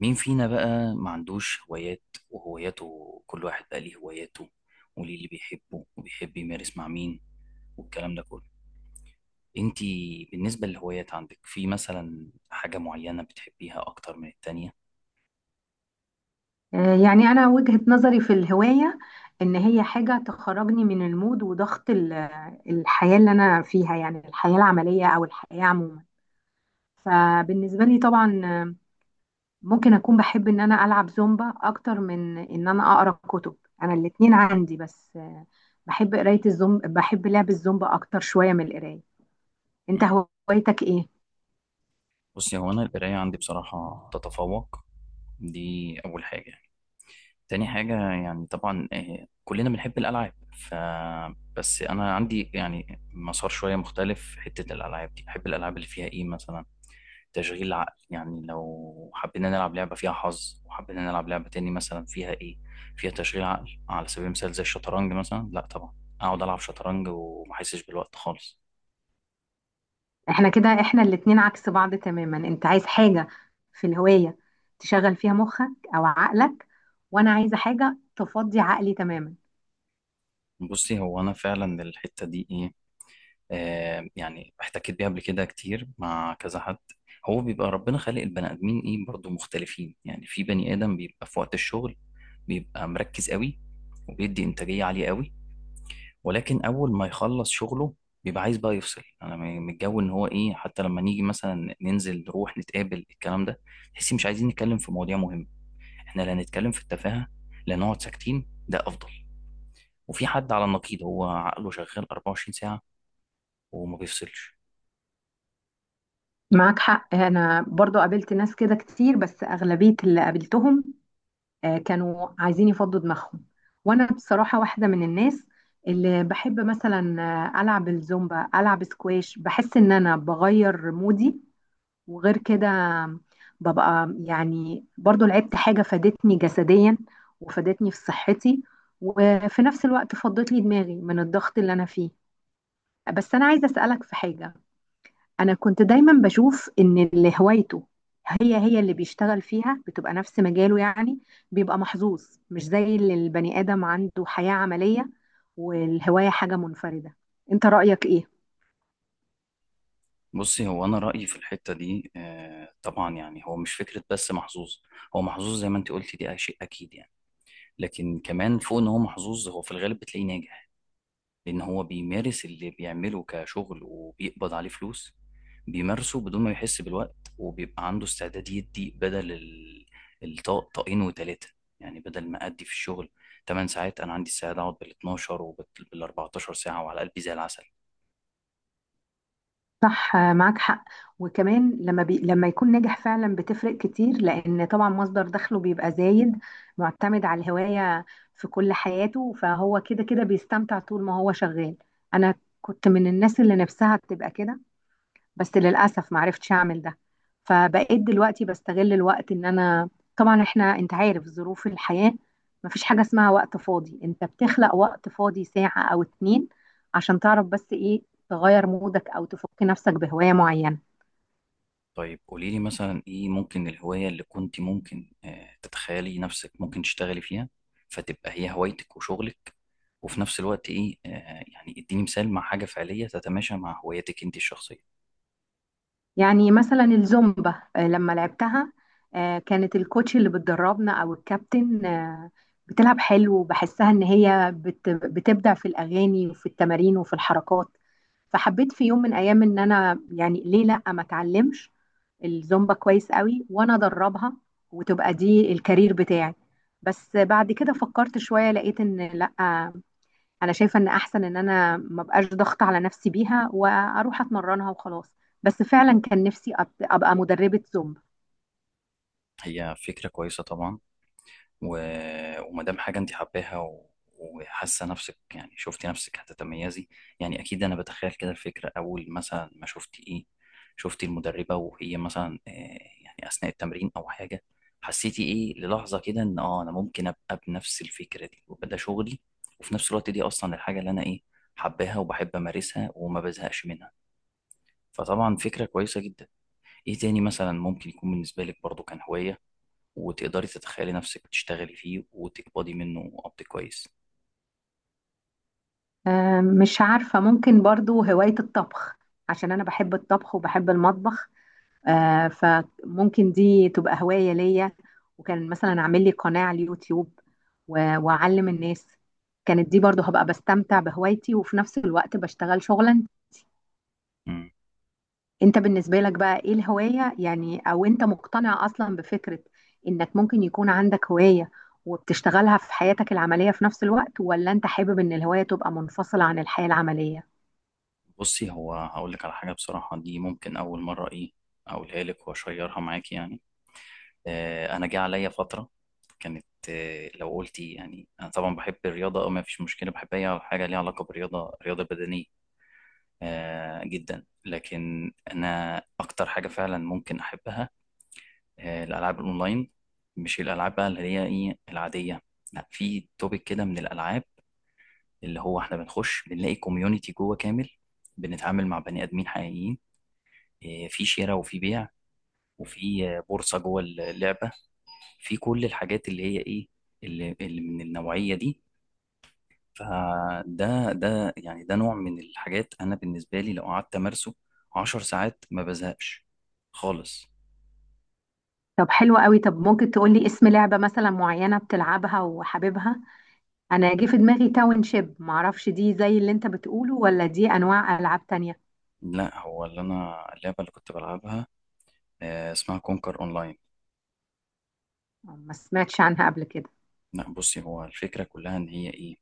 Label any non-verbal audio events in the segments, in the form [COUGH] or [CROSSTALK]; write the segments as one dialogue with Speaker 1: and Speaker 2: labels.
Speaker 1: مين فينا بقى ما عندوش هوايات وهواياته، كل واحد بقى ليه هواياته وليه اللي بيحبه وبيحب يمارس مع مين والكلام ده كله. انتي بالنسبة للهوايات عندك في مثلا حاجة معينة بتحبيها أكتر من التانية؟
Speaker 2: يعني أنا وجهة نظري في الهواية إن هي حاجة تخرجني من المود وضغط الحياة اللي أنا فيها، يعني الحياة العملية أو الحياة عموما. فبالنسبة لي طبعا ممكن أكون بحب إن أنا ألعب زومبا أكتر من إن أنا أقرأ كتب. أنا الاتنين عندي، بس بحب قراية الزومبا، بحب لعب الزومبا أكتر شوية من القراية. أنت
Speaker 1: مم.
Speaker 2: هوايتك إيه؟
Speaker 1: بصي، هو أنا القراية عندي بصراحة تتفوق، دي أول حاجة يعني. تاني حاجة يعني طبعا كلنا بنحب الألعاب، ف بس أنا عندي يعني مسار شوية مختلف في حتة الألعاب دي. بحب الألعاب اللي فيها إيه مثلا، تشغيل العقل. يعني لو حبينا نلعب لعبة فيها حظ وحبينا نلعب لعبة تاني مثلا فيها ايه، فيها تشغيل عقل على سبيل المثال زي الشطرنج مثلا، لا طبعا اقعد العب شطرنج وما احسش بالوقت خالص.
Speaker 2: احنا كده احنا الاتنين عكس بعض تماما. انت عايز حاجة في الهواية تشغل فيها مخك او عقلك، وانا عايزة حاجة تفضي عقلي تماما.
Speaker 1: بصي هو انا فعلا الحتة دي ايه، آه يعني احتكيت بيها قبل كده كتير مع كذا حد. هو بيبقى ربنا خالق البني ادمين ايه برضو مختلفين. يعني في بني ادم بيبقى في وقت الشغل بيبقى مركز قوي وبيدي انتاجية عالية قوي، ولكن اول ما يخلص شغله بيبقى عايز بقى يفصل. انا من الجو ان هو ايه، حتى لما نيجي مثلا ننزل نروح نتقابل، الكلام ده تحسي مش عايزين نتكلم في مواضيع مهمه، احنا لا نتكلم في التفاهه لا نقعد ساكتين ده افضل. وفي حد على النقيض هو عقله شغال 24 ساعه وما بيفصلش.
Speaker 2: معاك حق، انا برضو قابلت ناس كده كتير، بس اغلبية اللي قابلتهم كانوا عايزين يفضوا دماغهم. وانا بصراحة واحدة من الناس اللي بحب مثلا العب الزومبا، العب سكواش، بحس ان انا بغير مودي. وغير كده ببقى يعني برضو لعبت حاجة فادتني جسديا وفادتني في صحتي، وفي نفس الوقت فضت لي دماغي من الضغط اللي أنا فيه. بس أنا عايزة أسألك في حاجة. أنا كنت دايما بشوف إن اللي هوايته هي هي اللي بيشتغل فيها، بتبقى نفس مجاله. يعني بيبقى محظوظ، مش زي اللي البني آدم عنده حياة عملية والهواية حاجة منفردة. أنت رأيك إيه؟
Speaker 1: بصي هو انا رايي في الحته دي طبعا يعني، هو مش فكره بس محظوظ، هو محظوظ زي ما انت قلتي دي شيء اكيد يعني. لكن كمان فوق ان هو محظوظ هو في الغالب بتلاقيه ناجح، لأن هو بيمارس اللي بيعمله كشغل وبيقبض عليه فلوس، بيمارسه بدون ما يحس بالوقت وبيبقى عنده استعداد يدي بدل الطاق، طاقين وتلاتة. يعني بدل ما أدي في الشغل 8 ساعات، أنا عندي استعداد أقعد بال 12 وبال 14 ساعة وعلى قلبي زي العسل.
Speaker 2: صح، معاك حق. وكمان لما يكون ناجح فعلا بتفرق كتير، لان طبعا مصدر دخله بيبقى زايد معتمد على الهواية في كل حياته، فهو كده كده بيستمتع طول ما هو شغال. انا كنت من الناس اللي نفسها تبقى كده، بس للأسف ما عرفتش أعمل ده. فبقيت دلوقتي بستغل الوقت إن أنا، طبعا إحنا أنت عارف ظروف الحياة، ما فيش حاجة اسمها وقت فاضي، أنت بتخلق وقت فاضي ساعة أو اتنين عشان تعرف بس إيه، تغير مودك أو تفك نفسك بهواية معينة.
Speaker 1: طيب قولي لي مثلا إيه ممكن الهواية اللي كنت ممكن تتخيلي نفسك ممكن تشتغلي فيها فتبقى هي هوايتك وشغلك، وفي نفس الوقت إيه يعني اديني مثال مع حاجة فعلية تتماشى مع هوايتك أنت الشخصية.
Speaker 2: يعني مثلا الزومبا لما لعبتها كانت الكوتش اللي بتدربنا او الكابتن بتلعب حلو، وبحسها ان هي بتبدع في الاغاني وفي التمارين وفي الحركات. فحبيت في يوم من ايام ان انا، يعني ليه لا ما اتعلمش الزومبا كويس قوي وانا ادربها، وتبقى دي الكارير بتاعي. بس بعد كده فكرت شوية، لقيت ان لا، انا شايفه ان احسن ان انا ما بقاش ضغط على نفسي بيها واروح اتمرنها وخلاص. بس فعلا كان نفسي ابقى مدربه زومبا.
Speaker 1: هي فكرة كويسة طبعا. و... وما دام حاجة انت حباها وحاسة نفسك، يعني شفتي نفسك هتتميزي، يعني اكيد انا بتخيل كده الفكرة. اول مثلا ما شفتي ايه، شفتي المدربة وهي مثلا يعني اثناء التمرين او حاجة، حسيتي ايه للحظة كده ان اه انا ممكن ابقى بنفس الفكرة دي ويبقى ده شغلي، وفي نفس الوقت دي اصلا الحاجة اللي انا ايه حباها وبحب امارسها وما بزهقش منها. فطبعا فكرة كويسة جدا. ايه تاني مثلا ممكن يكون بالنسبة لك برضو كان هواية وتقدري تتخيلي نفسك بتشتغلي فيه وتقبضي منه قبض كويس؟
Speaker 2: مش عارفه، ممكن برضو هوايه الطبخ، عشان انا بحب الطبخ وبحب المطبخ. فممكن دي تبقى هوايه ليا. وكان مثلا اعمل لي قناه على اليوتيوب واعلم الناس. كانت دي برضو هبقى بستمتع بهوايتي وفي نفس الوقت بشتغل شغلا.
Speaker 1: مم.
Speaker 2: انت بالنسبة لك بقى ايه الهواية؟ يعني او انت مقتنع اصلا بفكرة انك ممكن يكون عندك هواية وبتشتغلها في حياتك العملية في نفس الوقت، ولا انت حابب ان الهواية تبقى منفصلة عن الحياة العملية؟
Speaker 1: بصي هو هقول لك على حاجة بصراحة دي ممكن أول مرة إيه أقولها لك وأشيرها معاك يعني. آه أنا جه عليا فترة كانت، آه لو قلتي يعني أنا طبعا بحب الرياضة أو ما فيش مشكلة بحب أي حاجة ليها علاقة بالرياضة، رياضة بدنية آه جدا، لكن أنا أكتر حاجة فعلا ممكن أحبها آه الألعاب الأونلاين. مش الألعاب بقى اللي هي إيه العادية، لا في توبيك كده من الألعاب اللي هو احنا بنخش بنلاقي كوميونتي جوه كامل، بنتعامل مع بني ادمين حقيقيين، إيه، في شراء وفي بيع وفي بورصه جوه اللعبه، في كل الحاجات اللي هي ايه اللي من النوعيه دي. فده ده نوع من الحاجات انا بالنسبه لي لو قعدت امارسه 10 ساعات ما بزهقش خالص.
Speaker 2: طب حلو قوي. طب ممكن تقولي اسم لعبة مثلا معينة بتلعبها وحاببها؟ انا جه في دماغي تاون شيب، معرفش دي زي اللي انت بتقوله ولا دي انواع العاب تانية.
Speaker 1: لا، هو اللي انا اللعبه اللي كنت بلعبها اسمها كونكر اونلاين.
Speaker 2: ما سمعتش عنها قبل كده.
Speaker 1: لا بصي هو الفكره كلها ان هي ايه،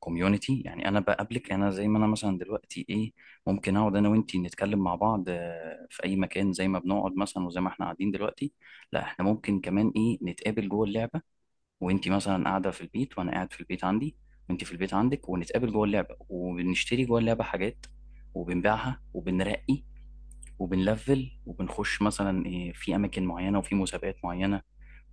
Speaker 1: كوميونتي. يعني انا بقابلك انا زي ما انا مثلا دلوقتي ايه، ممكن اقعد انا وانتي نتكلم مع بعض في اي مكان زي ما بنقعد مثلا وزي ما احنا قاعدين دلوقتي. لا احنا ممكن كمان ايه نتقابل جوه اللعبه، وانتي مثلا قاعده في البيت وانا قاعد في البيت عندي وانتي في البيت عندك، ونتقابل جوه اللعبه وبنشتري جوه اللعبه حاجات وبنبيعها وبنرقي وبنلفل وبنخش مثلا إيه في اماكن معينه وفي مسابقات معينه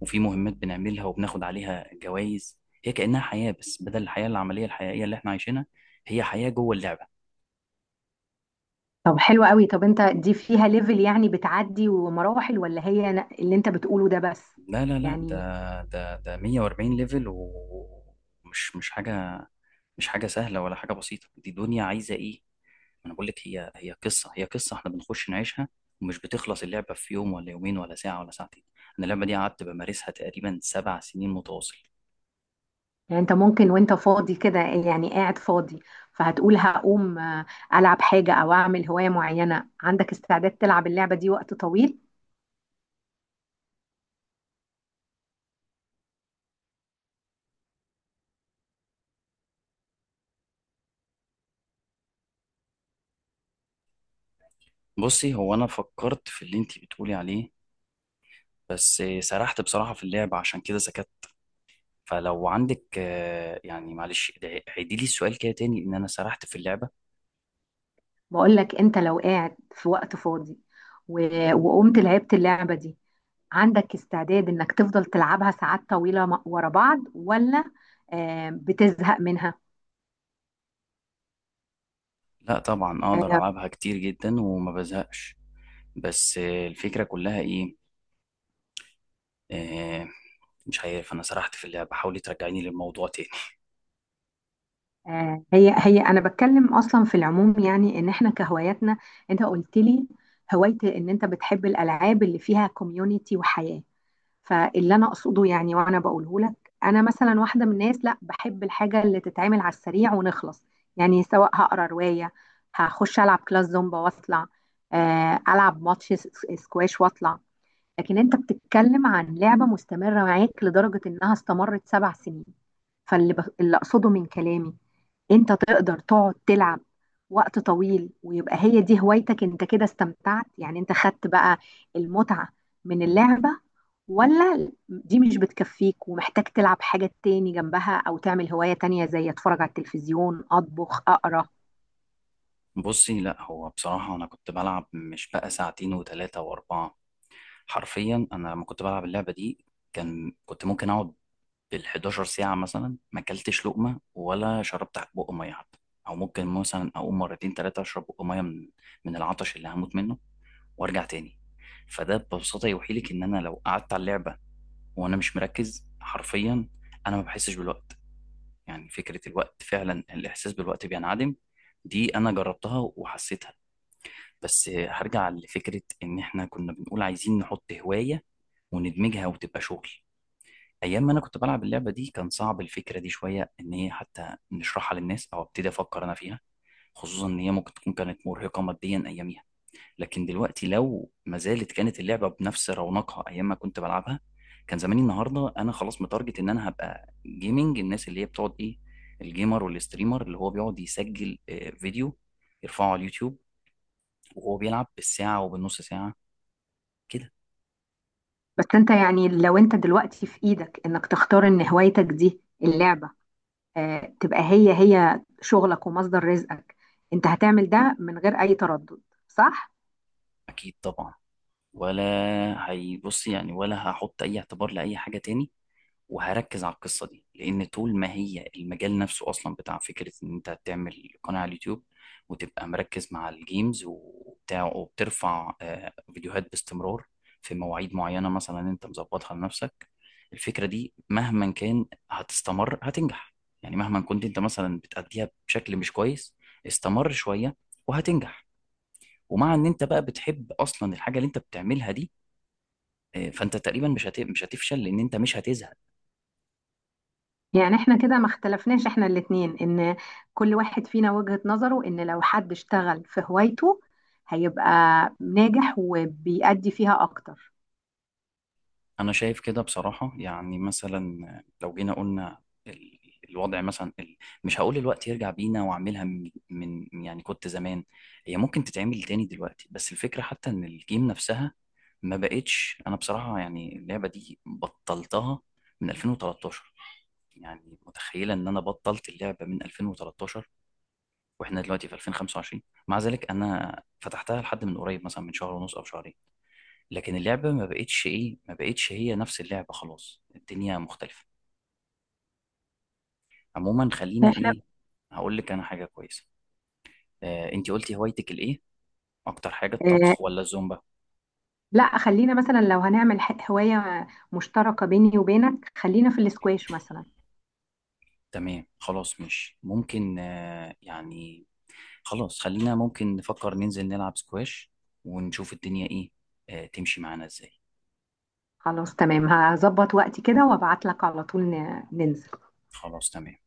Speaker 1: وفي مهمات بنعملها وبناخد عليها جوائز. هي كأنها حياة، بس بدل الحياة العملية الحقيقية اللي احنا عايشينها هي حياة جوه اللعبة.
Speaker 2: طب حلو قوي. طب انت دي فيها ليفل، يعني بتعدي ومراحل، ولا هي اللي انت بتقوله ده بس؟
Speaker 1: لا لا لا، ده
Speaker 2: يعني
Speaker 1: ده ده 140 ليفل، ومش مش حاجة، مش حاجة سهلة ولا حاجة بسيطة، دي دنيا عايزة ايه. انا بقول لك هي هي قصة، هي قصة احنا بنخش نعيشها، ومش بتخلص اللعبة في يوم ولا يومين ولا ساعة ولا ساعتين. انا اللعبة دي قعدت بمارسها تقريبا 7 سنين متواصل.
Speaker 2: يعني انت ممكن وانت فاضي كده، يعني قاعد فاضي، فهتقول هقوم العب حاجة او اعمل هواية معينة، عندك استعداد تلعب اللعبة دي وقت طويل؟
Speaker 1: بصي هو انا فكرت في اللي انتي بتقولي عليه بس سرحت بصراحة في اللعبة عشان كده سكت. فلو عندك يعني معلش عيدي لي السؤال كده تاني ان انا سرحت في اللعبة.
Speaker 2: بقول لك، انت لو قاعد في وقت فاضي وقمت لعبت اللعبة دي، عندك استعداد انك تفضل تلعبها ساعات طويلة ورا بعض، ولا بتزهق منها؟
Speaker 1: لا طبعا
Speaker 2: آه،
Speaker 1: اقدر العبها كتير جدا وما بزهقش. بس الفكرة كلها ايه آه، مش عارف انا سرحت في اللعبة حاولي ترجعيني للموضوع تاني.
Speaker 2: هي هي انا بتكلم اصلا في العموم، يعني ان احنا كهواياتنا. انت قلت لي هوايتي ان انت بتحب الالعاب اللي فيها كوميونيتي وحياة. فاللي انا اقصده، يعني وانا بقوله لك، انا مثلا واحده من الناس لا بحب الحاجه اللي تتعمل على السريع ونخلص. يعني سواء هقرا روايه، هخش العب كلاس زومبا واطلع، العب ماتش سكواش واطلع. لكن انت بتتكلم عن لعبه مستمره معاك لدرجه انها استمرت 7 سنين. اللي اقصده من كلامي، انت تقدر تقعد تلعب وقت طويل ويبقى هي دي هوايتك، انت كده استمتعت، يعني انت خدت بقى المتعة من اللعبة؟ ولا دي مش بتكفيك ومحتاج تلعب حاجة تاني جنبها او تعمل هواية تانية زي اتفرج على التلفزيون، اطبخ، اقرا؟
Speaker 1: [LAUGHS] بصي لا هو بصراحة انا كنت بلعب مش بقى ساعتين وثلاثة واربعة، حرفيا انا لما كنت بلعب اللعبة دي كان كنت ممكن اقعد بال 11 ساعة مثلا ما اكلتش لقمة ولا شربت بق مية حتى، او ممكن مثلا اقوم مرتين تلاتة اشرب بق مية من العطش اللي هموت منه وارجع تاني. فده ببساطة يوحي لك ان انا لو قعدت على اللعبة وانا مش مركز، حرفيا انا ما بحسش بالوقت، يعني فكرة الوقت فعلا الاحساس بالوقت بينعدم. دي انا جربتها وحسيتها. بس هرجع لفكرة ان احنا كنا بنقول عايزين نحط هواية وندمجها وتبقى شغل. ايام ما انا كنت بلعب اللعبه دي كان صعب الفكره دي شويه ان هي حتى نشرحها للناس او ابتدي افكر انا فيها، خصوصا ان هي ممكن تكون كانت مرهقه ماديا اياميها. لكن دلوقتي لو ما زالت كانت اللعبه بنفس رونقها ايام ما كنت بلعبها، كان زماني النهارده انا خلاص متارجت ان انا هبقى جيمنج، الناس اللي هي بتقعد ايه، الجيمر والستريمر اللي هو بيقعد يسجل فيديو يرفعه على اليوتيوب وهو بيلعب بالساعه وبالنص ساعه كده.
Speaker 2: بس انت، يعني لو انت دلوقتي في ايدك انك تختار ان هوايتك دي اللعبة تبقى هي هي شغلك ومصدر رزقك، انت هتعمل ده من غير اي تردد، صح؟
Speaker 1: اكيد طبعا، ولا هيبص يعني ولا هحط اي اعتبار لاي حاجه تاني، وهركز على القصه دي، لان طول ما هي المجال نفسه اصلا بتاع فكره ان انت تعمل قناه على اليوتيوب وتبقى مركز مع الجيمز وبتاع وبترفع فيديوهات باستمرار في مواعيد معينه مثلا انت مظبطها لنفسك، الفكره دي مهما كان هتستمر هتنجح. يعني مهما كنت انت مثلا بتأديها بشكل مش كويس، استمر شويه وهتنجح، ومع ان انت بقى بتحب اصلا الحاجه اللي انت بتعملها دي فانت تقريبا مش هتفشل لان انت مش هتزهق.
Speaker 2: يعني احنا كده ما اختلفناش احنا الاتنين، ان كل واحد فينا وجهة نظره ان لو حد اشتغل في هوايته هيبقى ناجح وبيأدي فيها اكتر.
Speaker 1: انا شايف كده بصراحة، يعني مثلا لو جينا قلنا ال- الوضع مثلا مش هقول الوقت يرجع بينا واعملها من يعني كنت زمان، هي ممكن تتعمل تاني دلوقتي، بس الفكرة حتى ان الجيم نفسها ما بقتش. انا بصراحة يعني اللعبة دي بطلتها من 2013. يعني متخيلة ان انا بطلت اللعبة من 2013 واحنا دلوقتي في 2025. مع ذلك انا فتحتها لحد من قريب مثلا من شهر ونص او شهرين، لكن اللعبة ما بقتش هي نفس اللعبة، خلاص الدنيا مختلفة. عموما خلينا
Speaker 2: احنا،
Speaker 1: ايه، هقول لك انا حاجة كويسة. آه انتي قلتي هوايتك الايه اكتر حاجة،
Speaker 2: اه،
Speaker 1: الطبخ ولا الزومبا؟
Speaker 2: لا، خلينا مثلا لو هنعمل هواية مشتركة بيني وبينك، خلينا في الاسكواش مثلا.
Speaker 1: تمام خلاص مش ممكن آه يعني، خلاص خلينا ممكن نفكر ننزل نلعب سكواش ونشوف الدنيا ايه آه تمشي معانا ازاي.
Speaker 2: خلاص، تمام، هظبط وقتي كده وابعت لك على طول ننزل.
Speaker 1: خلاص تمام.